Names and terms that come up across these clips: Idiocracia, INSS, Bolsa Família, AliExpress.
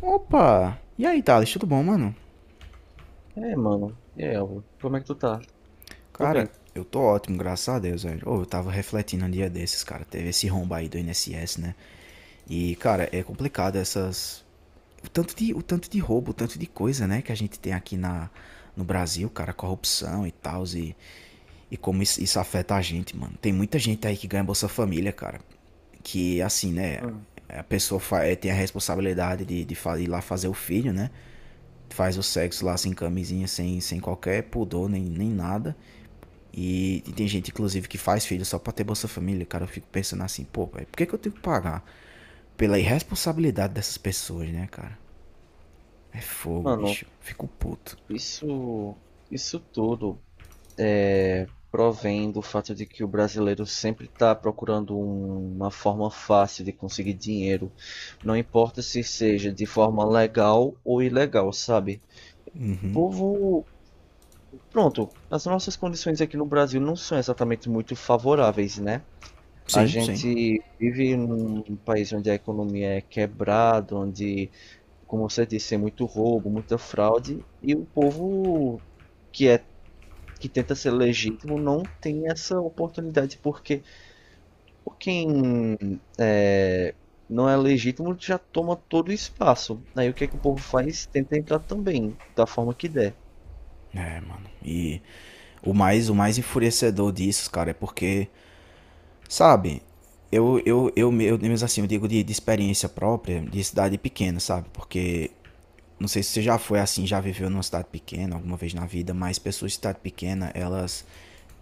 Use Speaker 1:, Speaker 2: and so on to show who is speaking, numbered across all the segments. Speaker 1: Opa! E aí, Thales, tudo bom, mano?
Speaker 2: É, mano. E aí, Álvaro? Como é que tu tá? Tô
Speaker 1: Cara,
Speaker 2: bem.
Speaker 1: eu tô ótimo, graças a Deus, velho. Ô, eu tava refletindo um dia desses, cara. Teve esse rombo aí do INSS, né? E, cara, é complicado essas. O tanto de roubo, o tanto de coisa, né, que a gente tem no Brasil, cara, corrupção e tal, e como isso afeta a gente, mano. Tem muita gente aí que ganha Bolsa Família, cara. Que, assim, né?
Speaker 2: Hum.
Speaker 1: A pessoa fa- eh, Tem a responsabilidade de ir lá fazer o filho, né? Faz o sexo lá sem camisinha, sem qualquer pudor, nem nada. E tem gente, inclusive, que faz filho só pra ter Bolsa Família. Cara, eu fico pensando assim, pô, pai, por que eu tenho que pagar? Pela irresponsabilidade dessas pessoas, né, cara? É fogo,
Speaker 2: Mano,
Speaker 1: bicho. Fico puto.
Speaker 2: isso, isso tudo é, provém do fato de que o brasileiro sempre tá procurando uma forma fácil de conseguir dinheiro. Não importa se seja de forma legal ou ilegal, sabe? O povo. Pronto, as nossas condições aqui no Brasil não são exatamente muito favoráveis, né? A
Speaker 1: Sim, sim.
Speaker 2: gente vive num país onde a economia é quebrada, onde como você disse, é muito roubo, muita fraude, e o povo que é que tenta ser legítimo não tem essa oportunidade, porque por quem é, não é legítimo já toma todo o espaço. Aí o que é que o povo faz? Tenta entrar também, da forma que der.
Speaker 1: É, mano. E o mais enfurecedor disso, cara, é porque, sabe, eu, mesmo assim, eu digo de experiência própria, de cidade pequena, sabe? Porque não sei se você já foi assim, já viveu numa cidade pequena alguma vez na vida, mas pessoas de cidade pequena, elas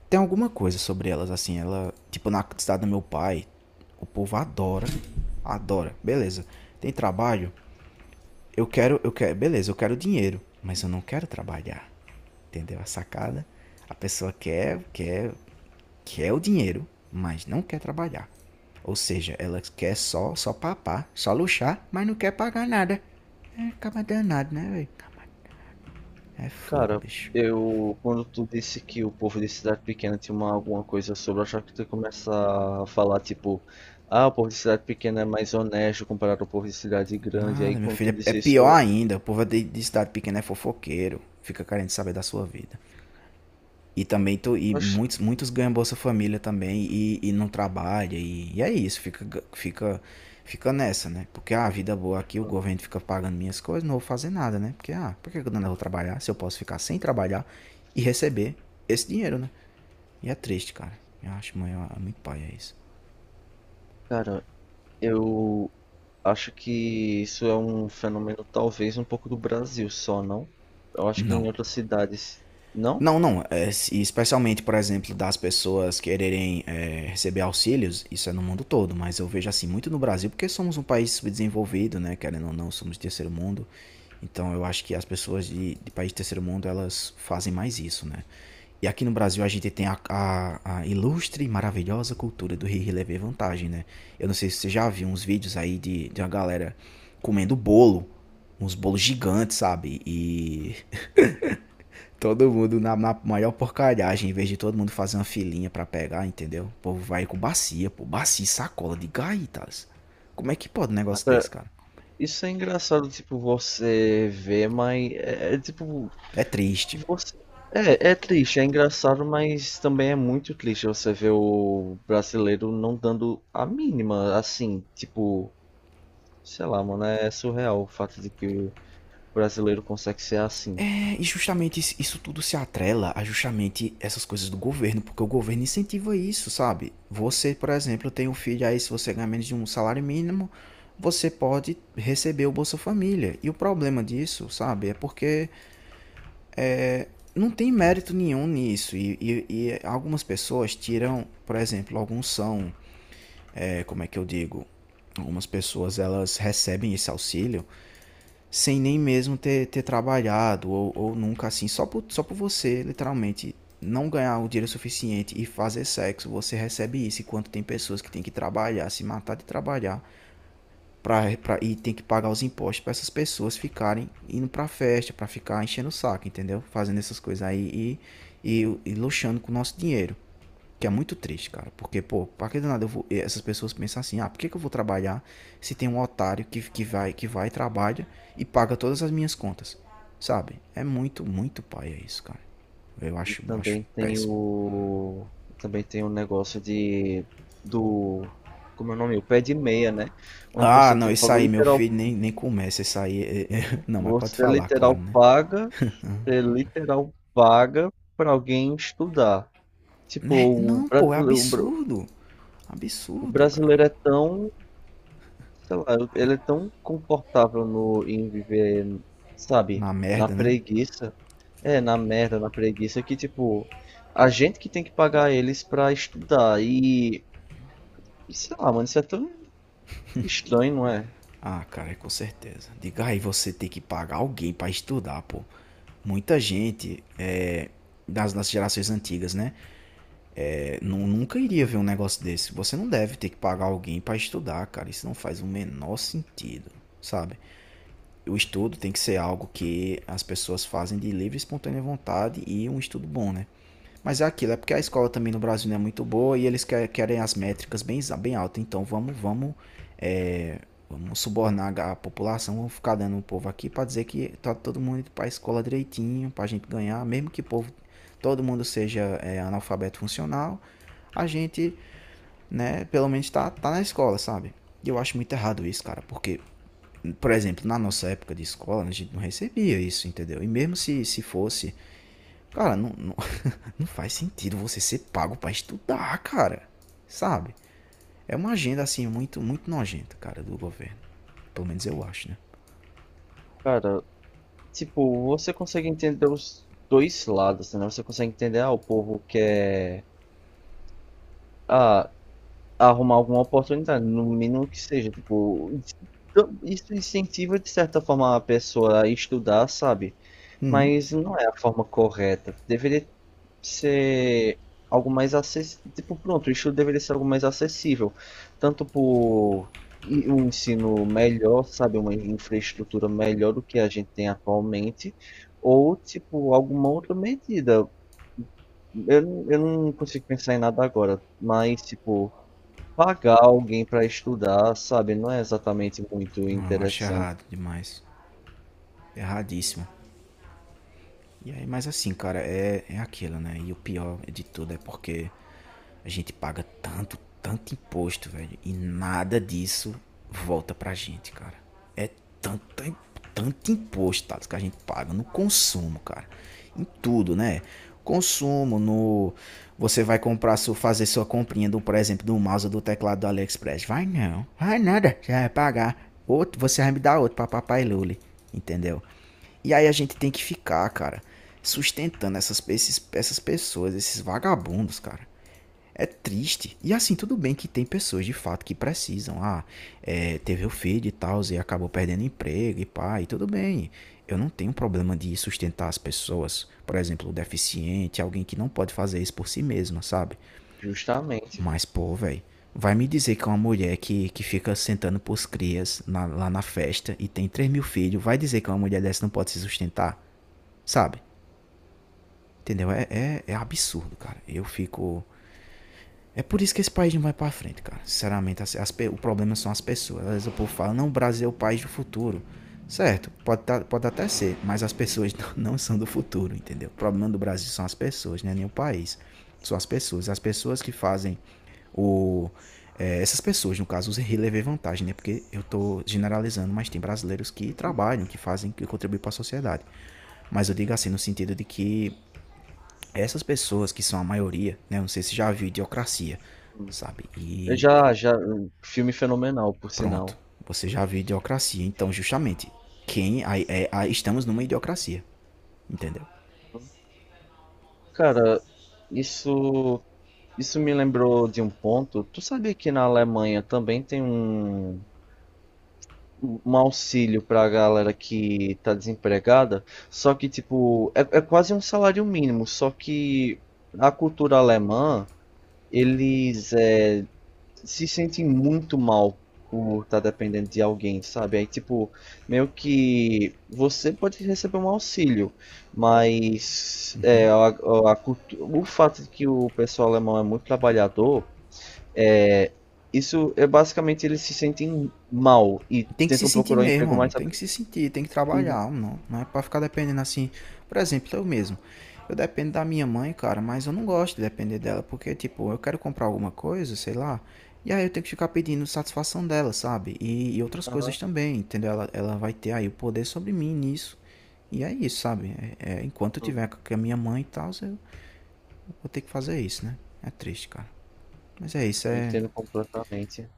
Speaker 1: tem alguma coisa sobre elas assim, ela, tipo na cidade do meu pai, o povo adora, adora. Beleza. Tem trabalho? Eu quero, beleza, eu quero dinheiro, mas eu não quero trabalhar. Entendeu a sacada? A pessoa quer o dinheiro, mas não quer trabalhar. Ou seja, ela quer só, só papar, só luxar, mas não quer pagar nada. É, acaba danado, né, velho? É fogo,
Speaker 2: Cara,
Speaker 1: bicho.
Speaker 2: eu quando tu disse que o povo de cidade pequena tinha uma, alguma coisa sobre, eu achava que tu ia começar a falar tipo, ah, o povo de cidade pequena é mais honesto comparado ao povo de cidade grande. Aí
Speaker 1: Nada, meu
Speaker 2: quando tu
Speaker 1: filho. É
Speaker 2: disse isso,
Speaker 1: pior
Speaker 2: eu,
Speaker 1: ainda. O povo de cidade pequena é fofoqueiro. Fica querendo saber da sua vida. E
Speaker 2: oxe.
Speaker 1: muitos, muitos ganham Bolsa Família também e não trabalha. E é isso, fica, fica nessa, né? Porque a ah, vida é boa aqui, o governo fica pagando minhas coisas, não vou fazer nada, né? Porque, ah, por que eu não vou trabalhar se eu posso ficar sem trabalhar e receber esse dinheiro, né? E é triste, cara. Eu acho, mãe, é muito paia isso.
Speaker 2: Cara, eu acho que isso é um fenômeno talvez um pouco do Brasil só, não? Eu acho que
Speaker 1: Não,
Speaker 2: em outras cidades, não?
Speaker 1: não, não. É, especialmente, por exemplo, das pessoas quererem receber auxílios, isso é no mundo todo, mas eu vejo assim muito no Brasil, porque somos um país subdesenvolvido, né? Querendo ou não, somos de terceiro mundo. Então eu acho que as pessoas de país de terceiro mundo, elas fazem mais isso, né? E aqui no Brasil a gente tem a ilustre e maravilhosa cultura do rir e levar vantagem, né? Eu não sei se você já viu uns vídeos aí de uma galera comendo bolo, uns bolos gigantes, sabe? E todo mundo na maior porcalhagem, em vez de todo mundo fazer uma filinha pra pegar, entendeu? O povo vai com bacia, pô, bacia, sacola de gaitas. Como é que pode um negócio desse,
Speaker 2: Cara,
Speaker 1: cara?
Speaker 2: isso é engraçado, tipo, você ver, mas tipo,
Speaker 1: É triste.
Speaker 2: você... É, é triste, é engraçado, mas também é muito triste você ver o brasileiro não dando a mínima, assim, tipo, sei lá, mano, é surreal o fato de que o brasileiro consegue ser assim.
Speaker 1: É, e justamente isso, isso tudo se atrela a justamente essas coisas do governo, porque o governo incentiva isso, sabe? Você, por exemplo, tem um filho aí, se você ganhar menos de um salário mínimo, você pode receber o Bolsa Família. E o problema disso, sabe, é porque não tem mérito nenhum nisso. E, e algumas pessoas tiram, por exemplo, alguns são, é, como é que eu digo? Algumas pessoas elas recebem esse auxílio sem nem mesmo ter trabalhado ou nunca assim, só por você, literalmente, não ganhar o dinheiro suficiente e fazer sexo, você recebe isso, enquanto tem pessoas que têm que trabalhar, se matar de trabalhar. Pra, e tem que pagar os impostos para essas pessoas ficarem indo pra festa, pra ficar enchendo o saco, entendeu? Fazendo essas coisas aí e luxando com o nosso dinheiro. Que é muito triste, cara. Porque, pô, pra que do nada eu vou, essas pessoas pensam assim, ah, por que eu vou trabalhar se tem um otário que vai, trabalha e paga todas as minhas contas? Sabe? É muito, muito paia é isso, cara. Eu
Speaker 2: E
Speaker 1: acho, eu acho
Speaker 2: também tem
Speaker 1: péssimo.
Speaker 2: o. Também tem o negócio de. Do. Como é o nome? O pé de meia, né? Onde
Speaker 1: Ah,
Speaker 2: você
Speaker 1: não,
Speaker 2: tipo,
Speaker 1: isso
Speaker 2: é
Speaker 1: aí, meu
Speaker 2: literal,
Speaker 1: filho, nem começa isso aí. É, é, não, mas pode
Speaker 2: você é
Speaker 1: falar, claro,
Speaker 2: literal
Speaker 1: né?
Speaker 2: paga, você literal paga para alguém estudar. Tipo,
Speaker 1: Né?
Speaker 2: o
Speaker 1: Não, pô, é
Speaker 2: brasileiro,
Speaker 1: absurdo.
Speaker 2: o
Speaker 1: Absurdo, cara.
Speaker 2: brasileiro é tão, sei lá, ele é tão confortável no, em viver, sabe,
Speaker 1: Na
Speaker 2: na
Speaker 1: merda, né?
Speaker 2: preguiça. É, na merda, na preguiça, que tipo, a gente que tem que pagar eles para estudar. E e sei lá, mano, isso é tão estranho, não é?
Speaker 1: Ah, cara, com certeza. Diga aí, você tem que pagar alguém pra estudar, pô. Muita gente é, das gerações antigas, né? É, nunca iria ver um negócio desse. Você não deve ter que pagar alguém pra estudar, cara. Isso não faz o menor sentido, sabe? O estudo tem que ser algo que as pessoas fazem de livre e espontânea vontade e um estudo bom, né? Mas é aquilo, é porque a escola também no Brasil não é muito boa e eles querem as métricas bem, bem altas. Então vamos subornar a população, vamos ficar dando o povo aqui para dizer que tá todo mundo indo para a escola direitinho, para a gente ganhar, mesmo que o povo, todo mundo seja analfabeto funcional, a gente, né, pelo menos tá na escola, sabe? E eu acho muito errado isso, cara, porque, por exemplo, na nossa época de escola, a gente não recebia isso, entendeu? E mesmo se fosse, cara, não faz sentido você ser pago pra estudar, cara. Sabe? É uma agenda, assim, muito, muito nojenta, cara, do governo. Pelo menos eu acho, né?
Speaker 2: Cara, tipo, você consegue entender os dois lados, né? Você consegue entender, ah, o povo quer ah, arrumar alguma oportunidade, no mínimo que seja, tipo, então, isso incentiva de certa forma a pessoa a estudar, sabe?
Speaker 1: Uhum.
Speaker 2: Mas não é a forma correta. Deveria ser algo mais acessível. Tipo, pronto, o estudo deveria ser algo mais acessível. Tanto por e um ensino melhor, sabe? Uma infraestrutura melhor do que a gente tem atualmente. Ou, tipo, alguma outra medida. Eu não consigo pensar em nada agora. Mas, tipo, pagar alguém para estudar, sabe? Não é exatamente muito
Speaker 1: Não, eu acho
Speaker 2: interessante.
Speaker 1: errado demais. Erradíssimo. E aí, mas assim, cara, é, é aquilo, né? E o pior de tudo é porque a gente paga tanto, tanto imposto, velho, e nada disso volta pra gente, cara. É tanto, tanto imposto, Thales, que a gente paga no consumo, cara. Em tudo, né? Consumo, no. Você vai comprar, fazer sua comprinha, do, por exemplo, do mouse ou do teclado do AliExpress. Vai não, vai nada, já vai pagar. Outro, você vai me dar outro pra papai Luli, entendeu? E aí a gente tem que ficar, cara, sustentando essas pessoas, esses vagabundos, cara. É triste. E assim, tudo bem que tem pessoas de fato que precisam. Ah, é, teve o filho e tal, e acabou perdendo emprego e pá, e tudo bem. Eu não tenho problema de sustentar as pessoas. Por exemplo, o deficiente, alguém que não pode fazer isso por si mesma, sabe?
Speaker 2: Justamente.
Speaker 1: Mas, pô, velho, vai me dizer que é uma mulher que fica sentando pros crias lá na festa e tem 3 mil filhos, vai dizer que uma mulher dessa não pode se sustentar, sabe? Entendeu? É absurdo, cara. Eu fico. É por isso que esse país não vai pra frente, cara. Sinceramente, as o problema são as pessoas. Às vezes o povo fala, não, o Brasil é o país do futuro. Certo, pode, pode até ser, mas as pessoas não são do futuro, entendeu? O problema do Brasil são as pessoas, não é nem o país. São as pessoas. As pessoas que fazem o. É, essas pessoas, no caso, os relevei vantagem, né? Porque eu tô generalizando, mas tem brasileiros que
Speaker 2: Uhum.
Speaker 1: trabalham, que fazem, que contribuem para a sociedade. Mas eu digo assim, no sentido de que essas pessoas que são a maioria, né? Não sei se já viu Idiocracia, sabe? E
Speaker 2: Já, já, filme fenomenal, por
Speaker 1: pronto,
Speaker 2: sinal.
Speaker 1: você já viu Idiocracia. Então, justamente, quem aí, é, aí estamos numa idiocracia, entendeu?
Speaker 2: Cara, isso, isso me lembrou de um ponto. Tu sabia que na Alemanha também tem um auxílio pra galera que tá desempregada? Só que, tipo, é quase um salário mínimo, só que a cultura alemã. Eles é, se sentem muito mal por estar dependendo de alguém, sabe? Aí, tipo, meio que você pode receber um auxílio, mas é, a, o fato de que o pessoal alemão é muito trabalhador, é, isso é basicamente eles se sentem mal e
Speaker 1: Tem que se
Speaker 2: tentam
Speaker 1: sentir
Speaker 2: procurar um
Speaker 1: mesmo,
Speaker 2: emprego
Speaker 1: mano.
Speaker 2: mais
Speaker 1: Tem que
Speaker 2: rápido.
Speaker 1: se sentir, tem que
Speaker 2: Uhum.
Speaker 1: trabalhar, não, não é para ficar dependendo assim. Por exemplo, eu mesmo. Eu dependo da minha mãe, cara, mas eu não gosto de depender dela, porque tipo, eu quero comprar alguma coisa, sei lá, e aí eu tenho que ficar pedindo satisfação dela, sabe? E outras
Speaker 2: Aham.
Speaker 1: coisas também, entendeu? Ela vai ter aí o poder sobre mim nisso. E é isso, sabe? Enquanto eu tiver
Speaker 2: Uhum.
Speaker 1: com a minha mãe e tal, eu vou ter que fazer isso, né? É triste, cara. Mas é isso,
Speaker 2: Eu entendo completamente.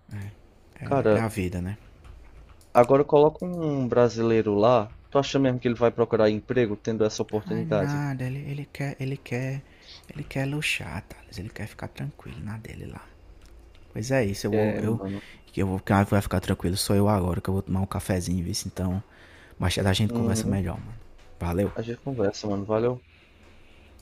Speaker 1: é
Speaker 2: Cara,
Speaker 1: a vida, né?
Speaker 2: agora coloca um brasileiro lá. Tu acha mesmo que ele vai procurar emprego tendo essa
Speaker 1: Ai,
Speaker 2: oportunidade?
Speaker 1: nada, ele ele quer luxar, Thales. Ele quer ficar tranquilo na dele lá. Pois é isso,
Speaker 2: É, mano.
Speaker 1: eu vou, quem vai ficar tranquilo sou eu agora, que eu vou tomar um cafezinho, viu? Então, mais tarde a gente conversa
Speaker 2: Uhum.
Speaker 1: melhor, mano. Valeu!
Speaker 2: A gente conversa, mano. Valeu.